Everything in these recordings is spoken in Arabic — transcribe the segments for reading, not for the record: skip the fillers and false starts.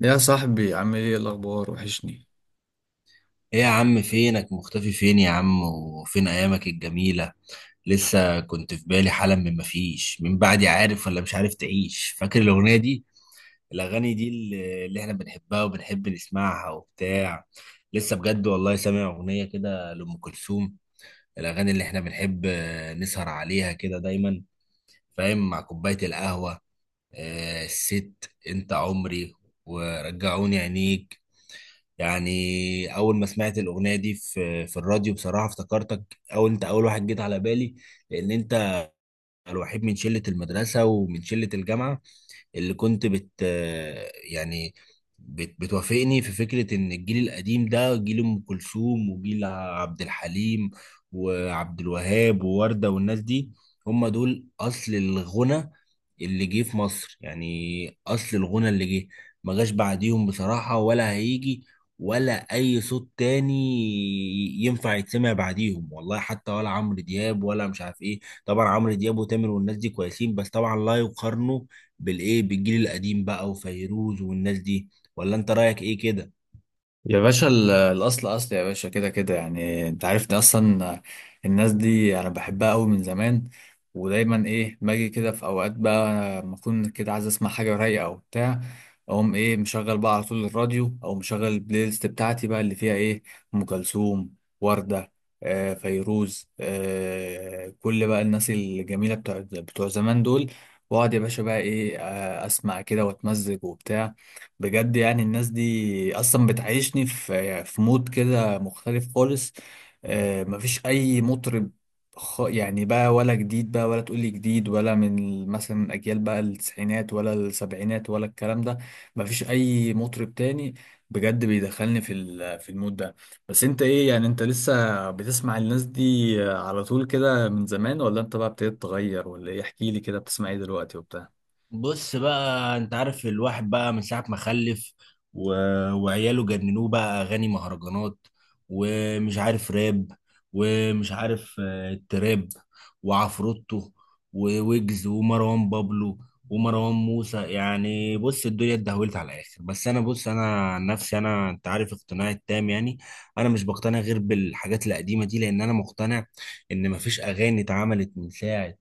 يا صاحبي، عامل ايه؟ الاخبار وحشني. ايه يا عم، فينك؟ مختفي فين يا عم؟ وفين ايامك الجميلة؟ لسه كنت في بالي حالا. مفيش من بعدي، عارف ولا مش عارف تعيش، فاكر الاغنية دي؟ الاغاني دي اللي احنا بنحبها وبنحب نسمعها وبتاع. لسه بجد والله سامع اغنية كده لأم كلثوم. الاغاني اللي احنا بنحب نسهر عليها كده دايما، فاهم؟ مع كوباية القهوة. الست، انت عمري، ورجعوني عينيك. يعني اول ما سمعت الاغنيه دي في الراديو، بصراحه افتكرتك، او انت اول واحد جيت على بالي. لان انت الوحيد من شله المدرسه ومن شله الجامعه اللي كنت يعني بتوافقني في فكرة إن الجيل القديم ده جيل أم كلثوم وجيل عبد الحليم وعبد الوهاب ووردة والناس دي. هم دول أصل الغنى اللي جه في مصر، يعني أصل الغنى اللي جه ما جاش بعديهم بصراحة، ولا هيجي ولا أي صوت تاني ينفع يتسمع بعديهم والله، حتى ولا عمرو دياب ولا مش عارف إيه. طبعا عمرو دياب وتامر والناس دي كويسين، بس طبعا لا يقارنوا بالايه، بالجيل القديم بقى وفيروز والناس دي. ولا انت رايك ايه كده؟ يا باشا، الأصل أصل يا باشا، كده كده يعني، أنت عارف ده أصلا. الناس دي أنا بحبها أوي من زمان، ودايما إيه، باجي كده في أوقات بقى لما أكون كده عايز أسمع حاجة رايقة أو بتاع. أقوم إيه، مشغل بقى على طول الراديو، أو مشغل البلاي ليست بتاعتي بقى اللي فيها إيه، أم كلثوم، وردة، آه فيروز، آه، كل بقى الناس الجميلة بتوع بتوع زمان دول. وأقعد يا باشا بقى إيه، آه، أسمع كده وأتمزج وبتاع. بجد يعني الناس دي اصلا بتعيشني في مود كده مختلف خالص. مفيش اي مطرب، يعني بقى، ولا جديد بقى ولا تقولي جديد، ولا من مثلا اجيال بقى التسعينات ولا السبعينات ولا الكلام ده. مفيش اي مطرب تاني بجد بيدخلني في المود ده. بس انت ايه يعني؟ انت لسه بتسمع الناس دي على طول كده من زمان، ولا انت بقى ابتديت تغير ولا ايه؟ احكي لي كده بتسمع ايه دلوقتي وبتاع. بص بقى، انت عارف الواحد بقى من ساعة ما خلف و... وعياله جننوه بقى، اغاني مهرجانات ومش عارف راب ومش عارف تراب وعفروتو وويجز ومروان بابلو ومروان موسى. يعني بص، الدنيا اتدهولت على الاخر. بس انا، بص انا عن نفسي، انا انت عارف اقتناعي التام يعني. انا مش بقتنع غير بالحاجات القديمة دي، لان انا مقتنع ان مفيش اغاني اتعملت من ساعة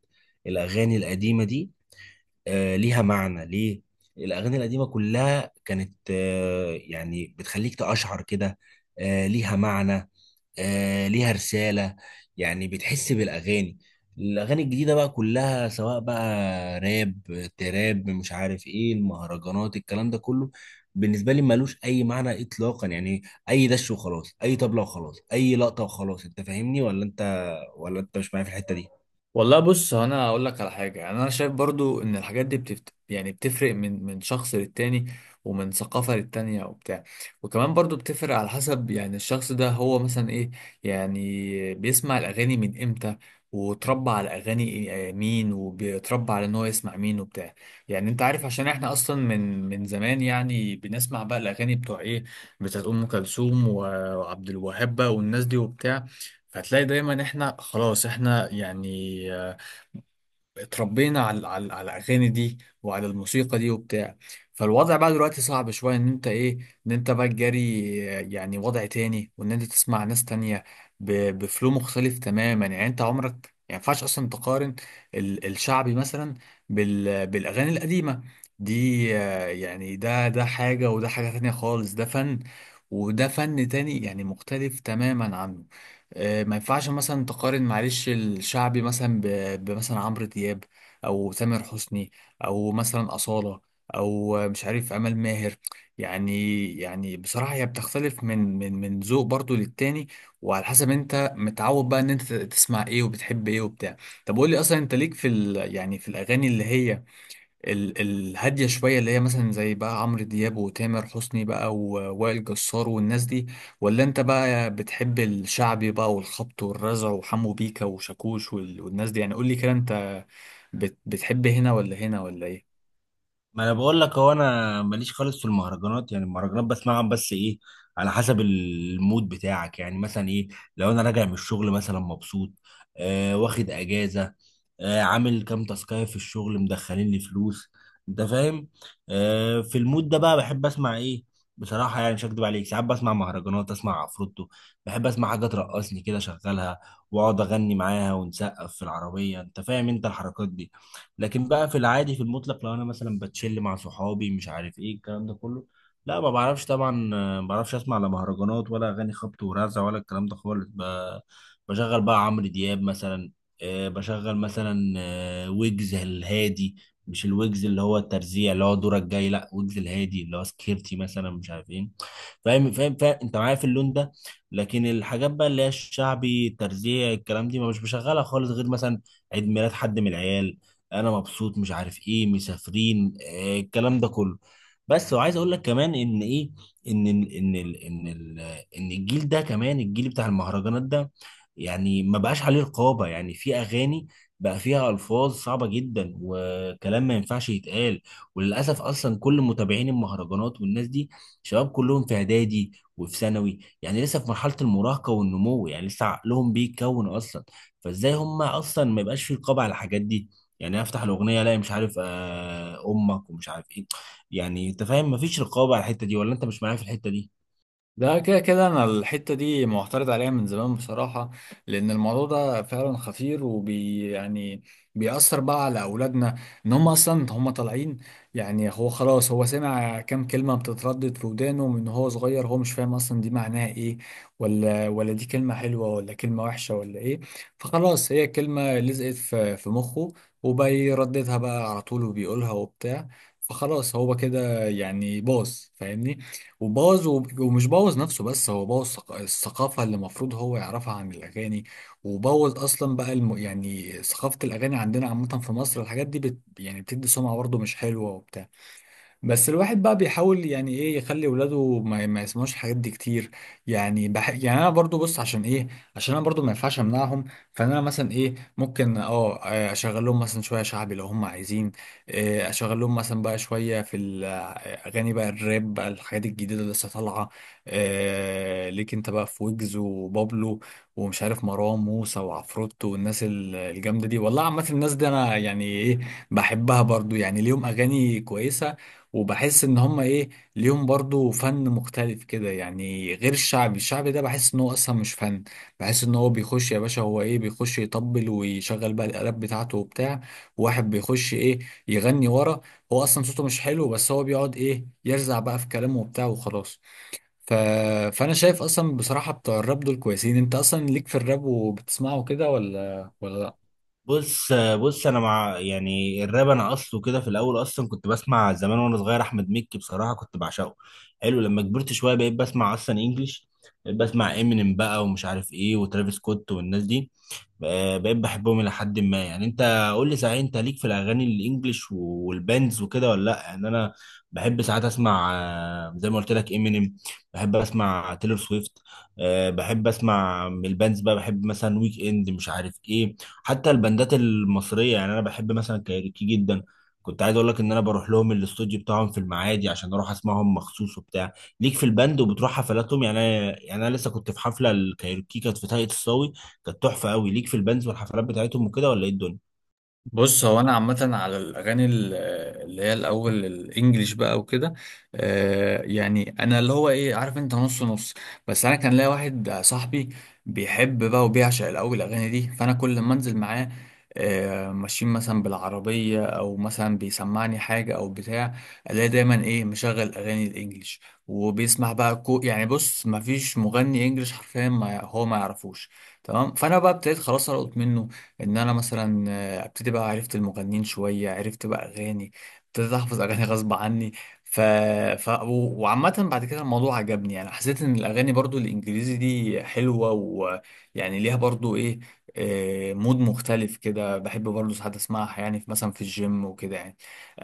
الاغاني القديمة دي. ليها معنى ليه؟ الاغاني القديمه كلها كانت يعني بتخليك تقشعر كده. ليها معنى، ليها رساله، يعني بتحس بالاغاني. الاغاني الجديده بقى كلها، سواء بقى راب، تراب، مش عارف ايه، المهرجانات، الكلام ده كله، بالنسبه لي ملوش اي معنى اطلاقا يعني. اي دش وخلاص، اي طبله وخلاص، اي لقطه وخلاص. انت فاهمني ولا انت مش معايا في الحته دي؟ والله بص، هو انا اقول لك على حاجه، يعني انا شايف برضو ان الحاجات دي يعني بتفرق من شخص للتاني، ومن ثقافه للتانيه وبتاع. وكمان برضو بتفرق على حسب، يعني الشخص ده هو مثلا ايه؟ يعني بيسمع الاغاني من امتى، وتربى على اغاني آه، مين، وبيتربى على ان هو يسمع مين وبتاع. يعني انت عارف، عشان احنا اصلا من زمان يعني بنسمع بقى الاغاني بتوع ايه، بتاعت ام كلثوم وعبد الوهاب بقى والناس دي وبتاع. فتلاقي دايما احنا خلاص احنا يعني، آه، اتربينا على على الاغاني دي، وعلى الموسيقى دي وبتاع. فالوضع بقى دلوقتي صعب شويه، ان انت ايه، ان انت بقى تجاري، آه، يعني وضع تاني، وان انت تسمع ناس تانية بفلو مختلف تماما. يعني انت عمرك يعني ما ينفعش اصلا تقارن الشعبي مثلا بالاغاني القديمه دي. آه، يعني ده ده حاجه وده حاجه تانية خالص، ده فن وده فن تاني يعني مختلف تماما عنه. آه، ما ينفعش مثلا تقارن، معلش، الشعبي مثلا بمثلا عمرو دياب، او تامر حسني، او مثلا أصالة، او آه، مش عارف، امال ماهر يعني. يعني بصراحة هي بتختلف من ذوق برضو للتاني، وعلى حسب انت متعود بقى ان انت تسمع ايه وبتحب ايه وبتاع. طب قول لي اصلا، انت ليك في ال، يعني في الاغاني اللي هي الهادية شوية، اللي هي مثلا زي بقى عمرو دياب وتامر حسني بقى ووائل جسار والناس دي، ولا انت بقى بتحب الشعبي بقى والخبط والرزع وحمو بيكا وشاكوش والناس دي؟ يعني قول لي كده، انت بتحب هنا ولا هنا ولا ايه؟ ما انا بقول لك، هو انا ماليش خالص في المهرجانات. يعني المهرجانات بسمعها، بس ايه؟ على حسب المود بتاعك. يعني مثلا ايه، لو انا راجع من الشغل مثلا مبسوط، واخد اجازه، عامل كام تاسكايه في الشغل، مدخلين لي فلوس، انت فاهم؟ في المود ده بقى بحب اسمع ايه؟ بصراحه، يعني مش هكدب عليك، ساعات بسمع مهرجانات، اسمع عفروتو. بحب اسمع حاجه ترقصني كده، اشغلها واقعد اغني معاها ونسقف في العربيه، انت فاهم انت الحركات دي؟ لكن بقى في العادي، في المطلق، لو انا مثلا بتشل مع صحابي مش عارف ايه الكلام ده كله، لا، ما بعرفش طبعا. ما بعرفش اسمع لا مهرجانات ولا اغاني خبط ورزع ولا الكلام ده خالص. بشغل بقى عمرو دياب مثلا. بشغل مثلا ويجز الهادي. مش الويجز اللي هو الترزيع اللي هو دورك جاي، لا، ويجز الهادي اللي هو سكيرتي مثلا مش عارف ايه. فاهم فاهم فاهم، انت معايا في اللون ده؟ لكن الحاجات بقى اللي هي الشعبي، الترزيع، الكلام دي ما مش بشغلها خالص غير مثلا عيد ميلاد حد من العيال، انا مبسوط مش عارف ايه مسافرين الكلام ده كله. بس وعايز اقول لك كمان ان ايه، ان ال- ان ال ان ال ان الجيل ده كمان، الجيل بتاع المهرجانات ده، يعني ما بقاش عليه رقابة. يعني في اغاني بقى فيها الفاظ صعبة جدا وكلام ما ينفعش يتقال. وللاسف اصلا كل متابعين المهرجانات والناس دي شباب كلهم في اعدادي وفي ثانوي، يعني لسه في مرحلة المراهقة والنمو، يعني لسه عقلهم بيتكون اصلا. فازاي هم اصلا ما يبقاش في رقابة على الحاجات دي؟ يعني أنا افتح الاغنيه الاقي مش عارف امك ومش عارف ايه. يعني انت فاهم؟ مفيش رقابه على الحته دي ولا انت مش معايا في الحته دي؟ ده كده كده انا الحته دي معترض عليها من زمان بصراحه، لان الموضوع ده فعلا خطير، يعني بيأثر بقى على اولادنا. ان هم اصلا هم طالعين، يعني هو خلاص، هو سمع كام كلمه بتتردد في ودانه من هو صغير، هو مش فاهم اصلا دي معناها ايه، ولا دي كلمه حلوه ولا كلمه وحشه ولا ايه. فخلاص هي كلمه لزقت في مخه، وبيرددها بقى على طول وبيقولها وبتاع. فخلاص هو كده يعني باظ، فاهمني؟ وبوظ، ومش بوظ نفسه بس، هو بوظ الثقافة اللي المفروض هو يعرفها عن الأغاني، وبوظ أصلا بقى يعني ثقافة الأغاني عندنا عامة في مصر. الحاجات دي يعني بتدي سمعة برضه مش حلوة وبتاع. بس الواحد بقى بيحاول يعني ايه يخلي ولاده ما يسمعوش الحاجات دي كتير. يعني يعني انا برضو بص عشان ايه، عشان انا برضو ما ينفعش امنعهم. أنا مثلا ايه، ممكن آه، اشغل لهم مثلا شويه شعبي لو هم عايزين. آه، اشغل لهم مثلا بقى شويه في الاغاني بقى الراب بقى، الحاجات الجديده اللي لسه طالعه. آه، ليك انت بقى في ويجز وبابلو، ومش عارف مروان موسى وعفروتو والناس الجامده دي. والله عامه الناس دي انا يعني ايه، بحبها برضو، يعني ليهم اغاني كويسه، وبحس ان هم ايه، ليهم برضو فن مختلف كده يعني. غير الشعبي، الشعبي ده بحس ان هو اصلا مش فن، بحس ان هو بيخش يا باشا هو ايه، بيخش يطبل ويشغل بقى الالات بتاعته وبتاع، واحد بيخش ايه يغني ورا، هو اصلا صوته مش حلو، بس هو بيقعد ايه يرزع بقى في كلامه وبتاع وخلاص. ف... فانا شايف اصلا بصراحة بتوع الراب دول كويسين. انت اصلا ليك في الراب وبتسمعه كده ولا لا؟ بص انا مع يعني الراب، انا اصله كده في الاول اصلا كنت بسمع زمان وانا صغير احمد مكي بصراحه كنت بعشقه، حلو. لما كبرت شويه بقيت بسمع اصلا انجليش. بقيت بسمع امينيم بقى ومش عارف ايه وترافيس سكوت والناس دي. بقى- بقيت بحبهم الى حد ما. يعني انت قول لي صحيح، انت ليك في الاغاني الانجليش والباندز وكده ولا لا؟ يعني انا بحب ساعات اسمع زي ما قلت لك امينيم، بحب اسمع تيلور سويفت، بحب اسمع من الباندز بقى، بحب مثلا ويك اند مش عارف ايه. حتى البندات المصريه يعني انا بحب مثلا كايروكي جدا. كنت عايز اقول لك ان انا بروح لهم الاستوديو بتاعهم في المعادي عشان اروح اسمعهم مخصوص وبتاع. ليك في البند وبتروح حفلاتهم؟ يعني انا لسه كنت في حفله الكايروكي، كانت في طاقية الصاوي، كانت تحفه قوي. ليك في البندز والحفلات بتاعتهم وكده، ولا ايه الدنيا؟ بص هو انا عامه على الاغاني اللي هي الاول الانجليش بقى وكده، آه، يعني انا اللي هو ايه، عارف انت، نص نص. بس انا كان ليا واحد صاحبي بيحب بقى وبيعشق الاول الاغاني دي، فانا كل ما انزل معاه، آه، ماشيين مثلا بالعربيه او مثلا بيسمعني حاجه او بتاع، الاقي دايما ايه، مشغل اغاني الانجليش، وبيسمع بقى كو، يعني بص ما فيش مغني انجليش حرفيا ما هو ما يعرفوش. تمام. فانا بقى ابتديت خلاص القط منه، ان انا مثلا ابتدي بقى، عرفت المغنيين شوية، عرفت بقى أغاني، ابتديت أحفظ أغاني غصب عني. ف... وعامة بعد كده الموضوع عجبني، يعني حسيت إن الأغاني برضو الإنجليزي دي حلوة، ويعني ليها برضو إيه، آه، مود مختلف كده. بحب برضو ساعات أسمعها يعني، في مثلا في الجيم وكده يعني.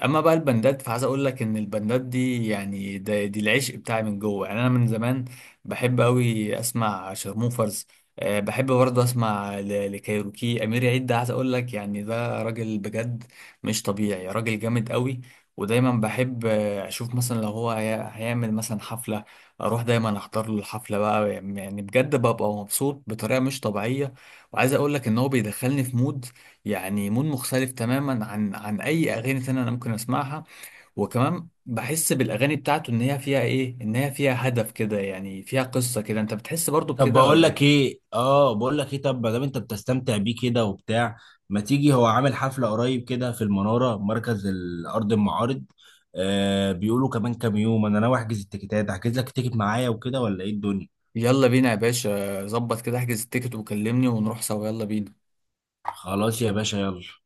أما بقى البندات فعايز أقول لك إن البندات دي يعني ده دي العشق بتاعي من جوه، يعني أنا من زمان بحب أوي أسمع شارموفرز. أه بحب برضه اسمع لكايروكي. امير عيد ده عايز اقول لك يعني ده راجل بجد مش طبيعي، راجل جامد قوي. ودايما بحب آه، اشوف مثلا لو هو هيعمل مثلا حفلة، اروح دايما احضر له الحفلة بقى، يعني بجد ببقى مبسوط بطريقة مش طبيعية. وعايز اقول لك ان هو بيدخلني في مود، يعني مود مختلف تماما عن اي اغاني تانية انا ممكن اسمعها. وكمان بحس بالاغاني بتاعته ان هي فيها ايه، ان هي فيها هدف كده يعني، فيها قصة كده، انت بتحس برضه طب بكده بقول ولا لك إيه؟ ايه اه بقول لك ايه طب ما دام انت بتستمتع بيه كده وبتاع، ما تيجي؟ هو عامل حفله قريب كده في المناره مركز الارض المعارض. بيقولوا كمان كام يوم، انا ناوي احجز التيكيتات، احجز لك التيكت معايا وكده ولا ايه الدنيا؟ يلا بينا يا باشا، ظبط كده، احجز التيكت وكلمني ونروح سوا، يلا بينا. خلاص يا باشا، يلا.